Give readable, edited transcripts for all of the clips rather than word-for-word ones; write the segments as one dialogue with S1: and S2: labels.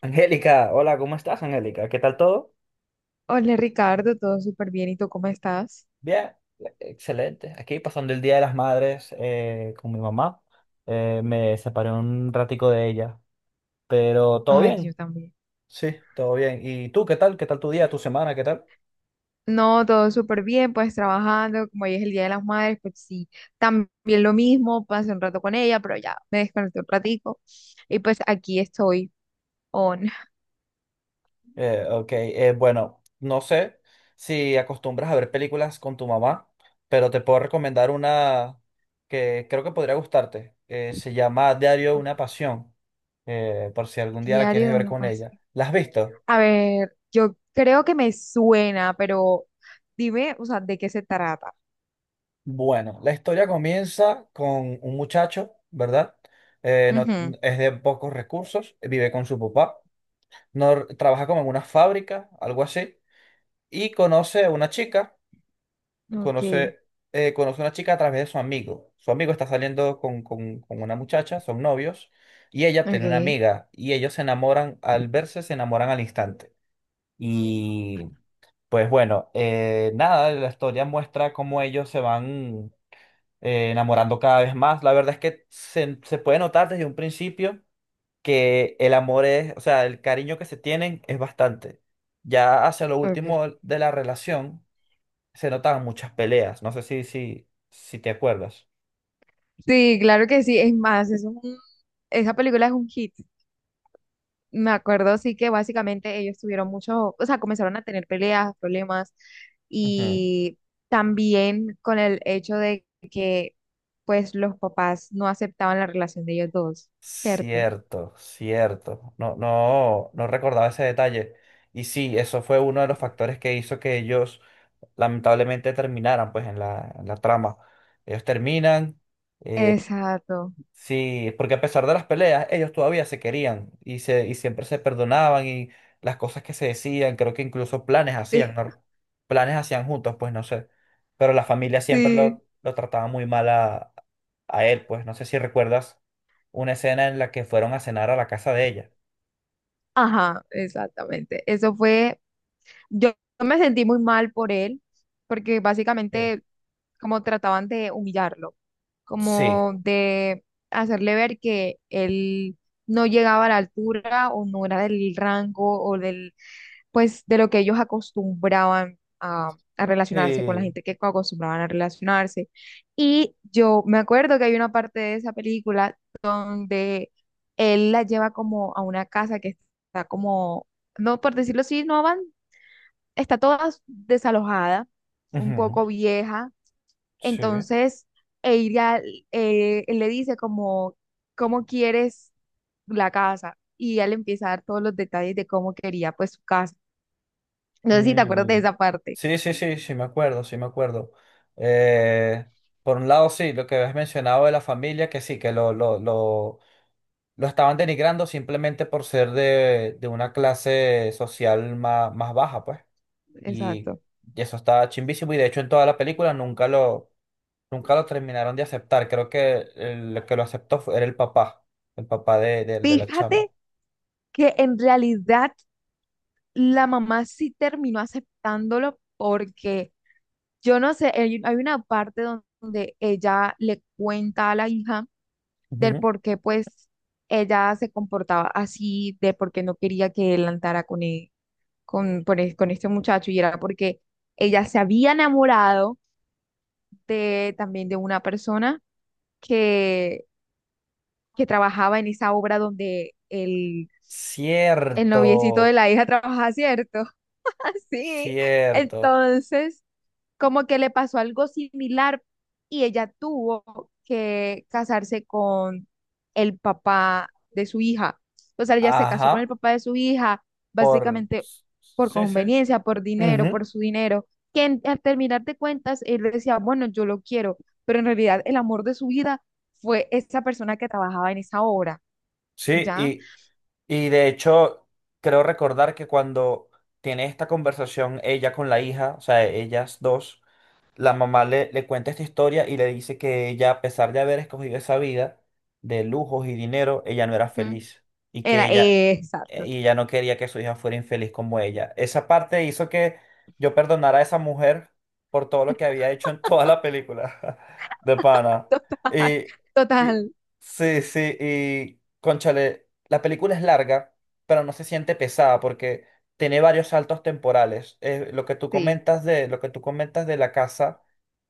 S1: Angélica, hola, ¿cómo estás, Angélica? ¿Qué tal todo?
S2: Hola Ricardo, todo súper bien. ¿Y tú cómo estás?
S1: Bien, excelente. Aquí pasando el Día de las Madres con mi mamá. Me separé un ratico de ella, pero todo
S2: Ay,
S1: bien.
S2: yo también.
S1: Sí, todo bien. ¿Y tú qué tal? ¿Qué tal tu día, tu semana? ¿Qué tal?
S2: No, todo súper bien, pues trabajando, como hoy es el Día de las Madres, pues sí, también lo mismo, pasé un rato con ella, pero ya me desconecté un ratico y pues aquí estoy on.
S1: Ok, bueno, no sé si acostumbras a ver películas con tu mamá, pero te puedo recomendar una que creo que podría gustarte. Se llama Diario de
S2: Uf,
S1: una Pasión, por si algún día la
S2: diario
S1: quieres
S2: de
S1: ver
S2: una
S1: con ella.
S2: pasión.
S1: ¿La has visto?
S2: A ver, yo creo que me suena, pero dime, o sea, ¿de qué se trata?
S1: Bueno, la historia comienza con un muchacho, ¿verdad? No,
S2: Ujú.
S1: es de pocos recursos, vive con su papá, no, trabaja como en una fábrica, algo así, y conoce a una chica,
S2: Ok,
S1: conoce, conoce a una chica a través de su amigo. Su amigo está saliendo con una muchacha, son novios, y ella tiene una
S2: ok,
S1: amiga, y ellos se enamoran, al verse se enamoran al instante. Y pues bueno, nada, la historia muestra cómo ellos se van enamorando cada vez más. La verdad es que se puede notar desde un principio que el amor es, o sea, el cariño que se tienen es bastante. Ya hacia lo
S2: ok.
S1: último de la relación se notaban muchas peleas. No sé si te acuerdas.
S2: Sí, claro que sí, es más, esa película es un hit. Me acuerdo, sí que básicamente ellos tuvieron mucho, o sea, comenzaron a tener peleas, problemas,
S1: Ujú.
S2: y también con el hecho de que, pues, los papás no aceptaban la relación de ellos dos, ¿cierto?
S1: Cierto, cierto. No recordaba ese detalle. Y sí, eso fue uno de los factores que hizo que ellos lamentablemente terminaran pues en la trama. Ellos terminan. eh,
S2: Exacto.
S1: Sí, porque a pesar de las peleas, ellos todavía se querían y, y siempre se perdonaban y las cosas que se decían, creo que incluso planes hacían,
S2: Sí,
S1: ¿no? Planes hacían juntos, pues no sé. Pero la familia siempre
S2: sí.
S1: lo trataba muy mal a él, pues no sé si recuerdas una escena en la que fueron a cenar a la casa de ella.
S2: Ajá, exactamente. Eso fue. Yo me sentí muy mal por él, porque
S1: Sí.
S2: básicamente como trataban de humillarlo,
S1: Sí.
S2: como de hacerle ver que él no llegaba a la altura o no era del rango o del, pues, de lo que ellos acostumbraban a relacionarse con la
S1: Sí.
S2: gente que acostumbraban a relacionarse. Y yo me acuerdo que hay una parte de esa película donde él la lleva como a una casa que está como, no por decirlo así, no está toda desalojada, un
S1: Ujú.
S2: poco vieja.
S1: Sí.
S2: Entonces, ella él le dice como, ¿cómo quieres la casa? Y ella le empieza a dar todos los detalles de cómo quería pues su casa. No sé si te acuerdas de
S1: Mm.
S2: esa parte.
S1: Sí, sí, sí, sí, me acuerdo, sí, me acuerdo. Eh, por un lado, sí, lo que habías mencionado de la familia, que sí, que lo estaban denigrando simplemente por ser de una clase social más, más baja, pues. Y,
S2: Exacto.
S1: y eso estaba chimbísimo. Y de hecho, en toda la película nunca lo terminaron de aceptar. Creo que el que lo aceptó fue- era el papá de la chama.
S2: Fíjate que en realidad la mamá sí terminó aceptándolo porque yo no sé, hay una parte donde ella le cuenta a la hija del
S1: Ujú.
S2: por qué pues ella se comportaba así, de por qué no quería que él andara con este muchacho y era porque ella se había enamorado de, también de una persona que, que trabajaba en esa obra donde el noviecito de
S1: Cierto,
S2: la hija trabajaba, ¿cierto? Así.
S1: cierto.
S2: Entonces, como que le pasó algo similar y ella tuvo que casarse con el papá de su hija. O sea, ella se
S1: Ajá.
S2: casó con el papá de su hija,
S1: Por...
S2: básicamente por
S1: Sí, sí.
S2: conveniencia, por dinero,
S1: Ujú.
S2: por su dinero, que al terminar de cuentas, él decía, bueno, yo lo quiero, pero en realidad el amor de su vida fue esa persona que trabajaba en esa obra,
S1: Sí,
S2: ¿ya?
S1: y de hecho, creo recordar que cuando tiene esta conversación ella con la hija, o sea, ellas dos, la mamá le cuenta esta historia y le dice que ella, a pesar de haber escogido esa vida de lujos y dinero, ella no era
S2: Ujú.
S1: feliz y que ella,
S2: Exacto,
S1: y ella no quería que su hija fuera infeliz como ella. Esa parte hizo que yo perdonara a esa mujer por todo lo que había hecho en toda la película de pana.
S2: total,
S1: Y, y-
S2: total,
S1: sí, sí, y cónchale, la película es larga, pero no se siente pesada porque tiene varios saltos temporales.
S2: sí,
S1: Lo que tú comentas de la casa,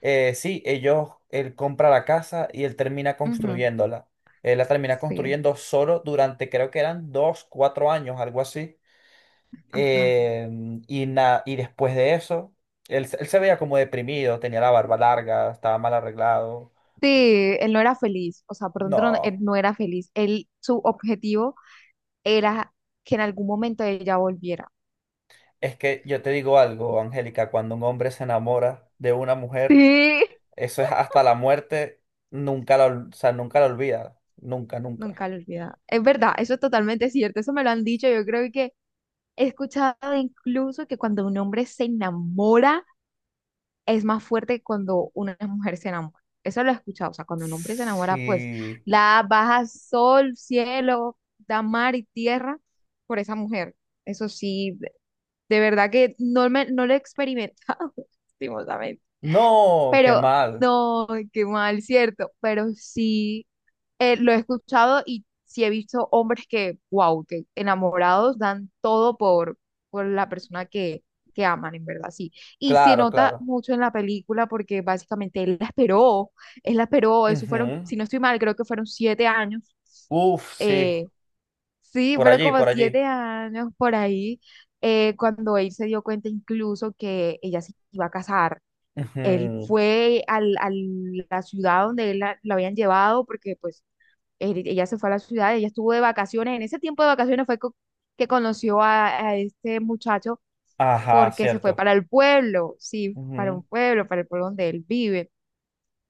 S1: sí, ellos, él compra la casa y él termina
S2: ujú,
S1: construyéndola. Él la termina
S2: sí,
S1: construyendo solo durante, creo que eran dos, cuatro años, algo así.
S2: ajá.
S1: Eh, y, na- y después de eso, él se veía como deprimido, tenía la barba larga, estaba mal arreglado.
S2: Sí, él no era feliz, o sea, perdón, no, él
S1: No,
S2: no era feliz. Él, su objetivo era que en algún momento ella volviera.
S1: es que yo te digo algo, Angélica, cuando un hombre se enamora de una mujer,
S2: Sí.
S1: eso es hasta la muerte, nunca la, ol- o sea, nunca la olvida. Nunca, nunca.
S2: Nunca lo olvida. Es verdad, eso es totalmente cierto, eso me lo han dicho. Yo creo que he escuchado incluso que cuando un hombre se enamora es más fuerte que cuando una mujer se enamora. Eso lo he escuchado, o sea, cuando un hombre se enamora, pues
S1: Sí.
S2: la baja sol, cielo, da mar y tierra por esa mujer. Eso sí, de verdad que no, no lo he experimentado, lastimosamente.
S1: No, qué
S2: Pero
S1: mal.
S2: no, qué mal, cierto. Pero sí lo he escuchado y sí he visto hombres que, wow, que enamorados dan todo por la persona que aman, en verdad, sí. Y se
S1: Claro,
S2: nota
S1: claro.
S2: mucho en la película porque básicamente él la esperó, eso fueron,
S1: Ujú.
S2: si no estoy mal, creo que fueron siete años
S1: Uf, sí.
S2: eh, sí,
S1: Por
S2: fueron
S1: allí,
S2: como
S1: por allí.
S2: siete años por ahí, cuando él se dio cuenta incluso que ella se iba a casar. Él
S1: Ujú.
S2: fue a la ciudad donde él la habían llevado, porque pues ella se fue a la ciudad, ella estuvo de vacaciones. En ese tiempo de vacaciones que conoció a este muchacho
S1: Ajá,
S2: porque se fue
S1: cierto.
S2: para el pueblo, sí, para
S1: Ujú.
S2: un pueblo, para el pueblo donde él vive.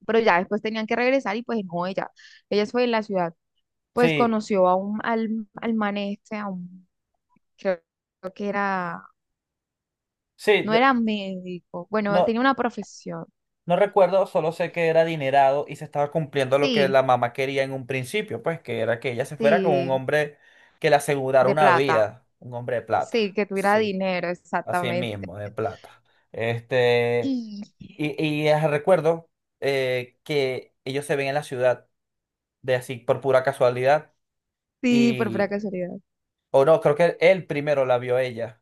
S2: Pero ya después tenían que regresar y pues no, ella fue en la ciudad pues
S1: Sí,
S2: conoció a un, al, al man este, a un creo que era,
S1: sí.
S2: no
S1: lo-
S2: era médico, bueno,
S1: No,
S2: tenía una profesión,
S1: no recuerdo, solo sé que era adinerado y se estaba cumpliendo lo que
S2: sí,
S1: la mamá quería en un principio, pues que era que ella se fuera con un
S2: sí,
S1: hombre que le asegurara
S2: de
S1: una
S2: plata,
S1: vida, un hombre de plata.
S2: sí, que tuviera
S1: Sí.
S2: dinero,
S1: Así
S2: exactamente.
S1: mismo, de plata. Este,
S2: Y
S1: y recuerdo que ellos se ven en la ciudad de así por pura casualidad.
S2: sí, por pura
S1: Y,
S2: casualidad,
S1: o no, creo que él primero la vio a ella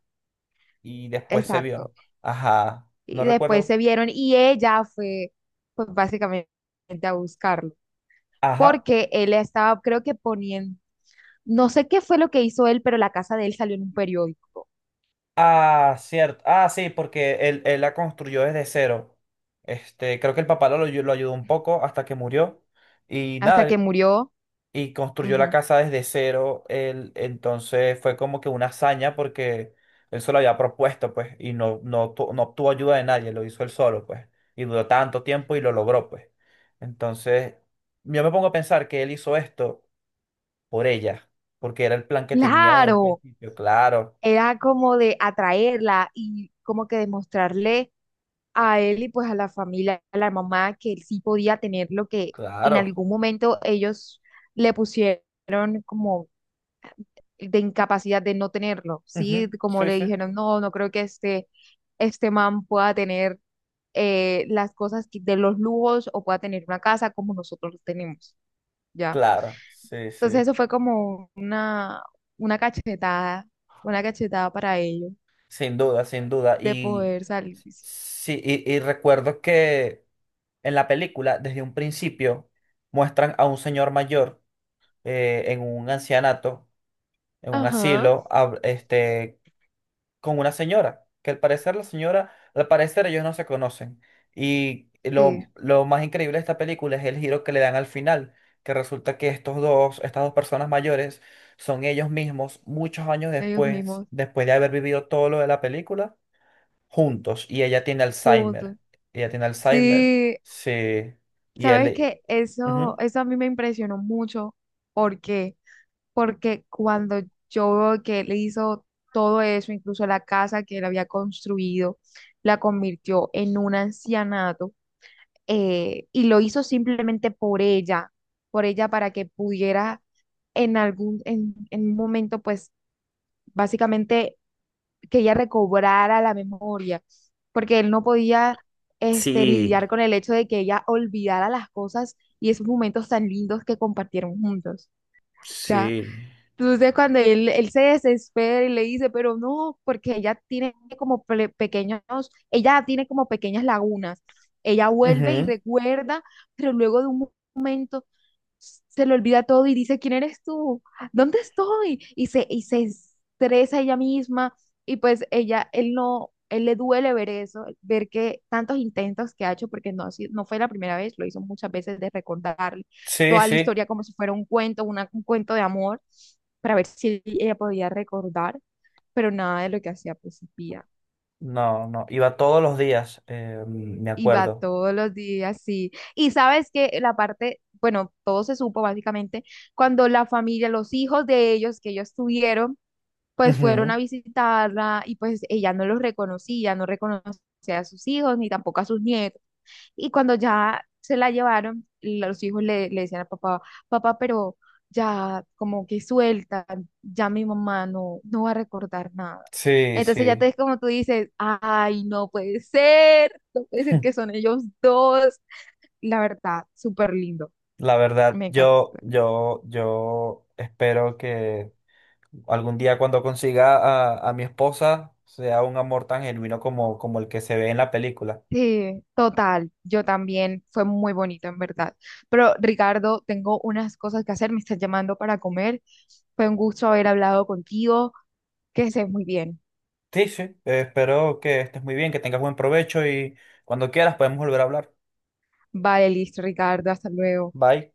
S1: y después se vio.
S2: exacto.
S1: ¿No? Ajá, no
S2: Y después
S1: recuerdo.
S2: se vieron y ella fue, pues básicamente a buscarlo,
S1: Ajá.
S2: porque él estaba, creo que poniendo, no sé qué fue lo que hizo él, pero la casa de él salió en un periódico,
S1: Ah, cierto. Ah, sí, porque él la construyó desde cero. Este, creo que el papá lo ayudó un poco hasta que murió. Y
S2: hasta
S1: nada,
S2: que murió.
S1: y construyó la
S2: Ujú.
S1: casa desde cero. Él, entonces fue como que una hazaña porque él se lo había propuesto, pues, y no, no, obtu- no obtuvo ayuda de nadie, lo hizo él solo, pues, y duró tanto tiempo y lo logró, pues. Entonces, yo me pongo a pensar que él hizo esto por ella, porque era el plan que tenía de un
S2: Claro,
S1: principio. Claro,
S2: era como de atraerla y como que demostrarle a él y pues a la familia, a la mamá, que él sí podía tener lo que en
S1: claro.
S2: algún momento ellos le pusieron como de incapacidad de no tenerlo, ¿sí?
S1: Ujú.
S2: Como
S1: Sí,
S2: le
S1: sí.
S2: dijeron, no, no creo que este man pueda tener las cosas de los lujos o pueda tener una casa como nosotros lo tenemos, ¿ya?
S1: Claro, sí,
S2: Entonces
S1: sí.
S2: eso fue como una cachetada, una cachetada para ellos.
S1: Sin duda, sin duda.
S2: De
S1: Y,
S2: poder salir.
S1: sí, y recuerdo que en la película, desde un principio, muestran a un señor mayor en un ancianato, en un
S2: Ajá,
S1: asilo, hab- este, con una señora, que al parecer la señora, al parecer ellos no se conocen. Y
S2: sí,
S1: lo más increíble de esta película es el giro que le dan al final, que resulta que estas dos personas mayores son ellos mismos muchos años
S2: ellos
S1: después,
S2: mismos,
S1: después de haber vivido todo lo de la película, juntos. Y ella tiene
S2: juntos.
S1: Alzheimer. Ella tiene Alzheimer,
S2: Sí,
S1: sí. Y
S2: sabes
S1: él,
S2: que eso,
S1: ujú.
S2: eso a mí me impresionó mucho. ¿Por qué? Porque cuando yo veo que él hizo todo eso, incluso la casa que él había construido, la convirtió en un ancianato y lo hizo simplemente por ella para que pudiera en algún, en un momento, pues básicamente que ella recobrara la memoria, porque él no podía
S1: Sí,
S2: lidiar con el hecho de que ella olvidara las cosas y esos momentos tan lindos que compartieron juntos. Ya.
S1: sí.
S2: Entonces cuando él se desespera y le dice, pero no, porque ella tiene como pequeños, ella tiene como pequeñas lagunas. Ella vuelve y
S1: Ujú.
S2: recuerda, pero luego de un momento se le olvida todo y dice, ¿quién eres tú? ¿Dónde estoy? Y y se estresa ella misma y pues ella, él no, él le duele ver eso, ver que tantos intentos que ha hecho, porque no, no fue la primera vez, lo hizo muchas veces de recordarle
S1: Sí,
S2: toda la
S1: sí.
S2: historia como si fuera un cuento, un cuento de amor, para ver si ella podía recordar, pero nada de lo que hacía pues servía.
S1: No, no. Iba todos los días, me
S2: Y va
S1: acuerdo.
S2: todos los días, sí. Y sabes que la parte, bueno, todo se supo básicamente cuando la familia, los hijos de ellos que ellos tuvieron, pues fueron a
S1: Ujú.
S2: visitarla y pues ella no los reconocía, no reconocía a sus hijos ni tampoco a sus nietos. Y cuando ya se la llevaron, los hijos le decían a papá, papá, pero ya como que suelta, ya mi mamá no, no va a recordar nada.
S1: Sí,
S2: Entonces ya
S1: sí.
S2: te es como tú dices, ay, no puede ser, no puede ser que son ellos dos. La verdad, súper lindo,
S1: La verdad,
S2: me encanta.
S1: yo,
S2: Súper.
S1: yo espero que algún día cuando consiga a mi esposa sea un amor tan genuino como, como el que se ve en la película.
S2: Sí, total, yo también, fue muy bonito en verdad. Pero Ricardo, tengo unas cosas que hacer, me estás llamando para comer. Fue un gusto haber hablado contigo, que estés muy bien.
S1: Sí, sí. Espero que estés muy bien, que tengas buen provecho y cuando quieras podemos volver a hablar.
S2: Vale, listo, Ricardo, hasta luego.
S1: Bye.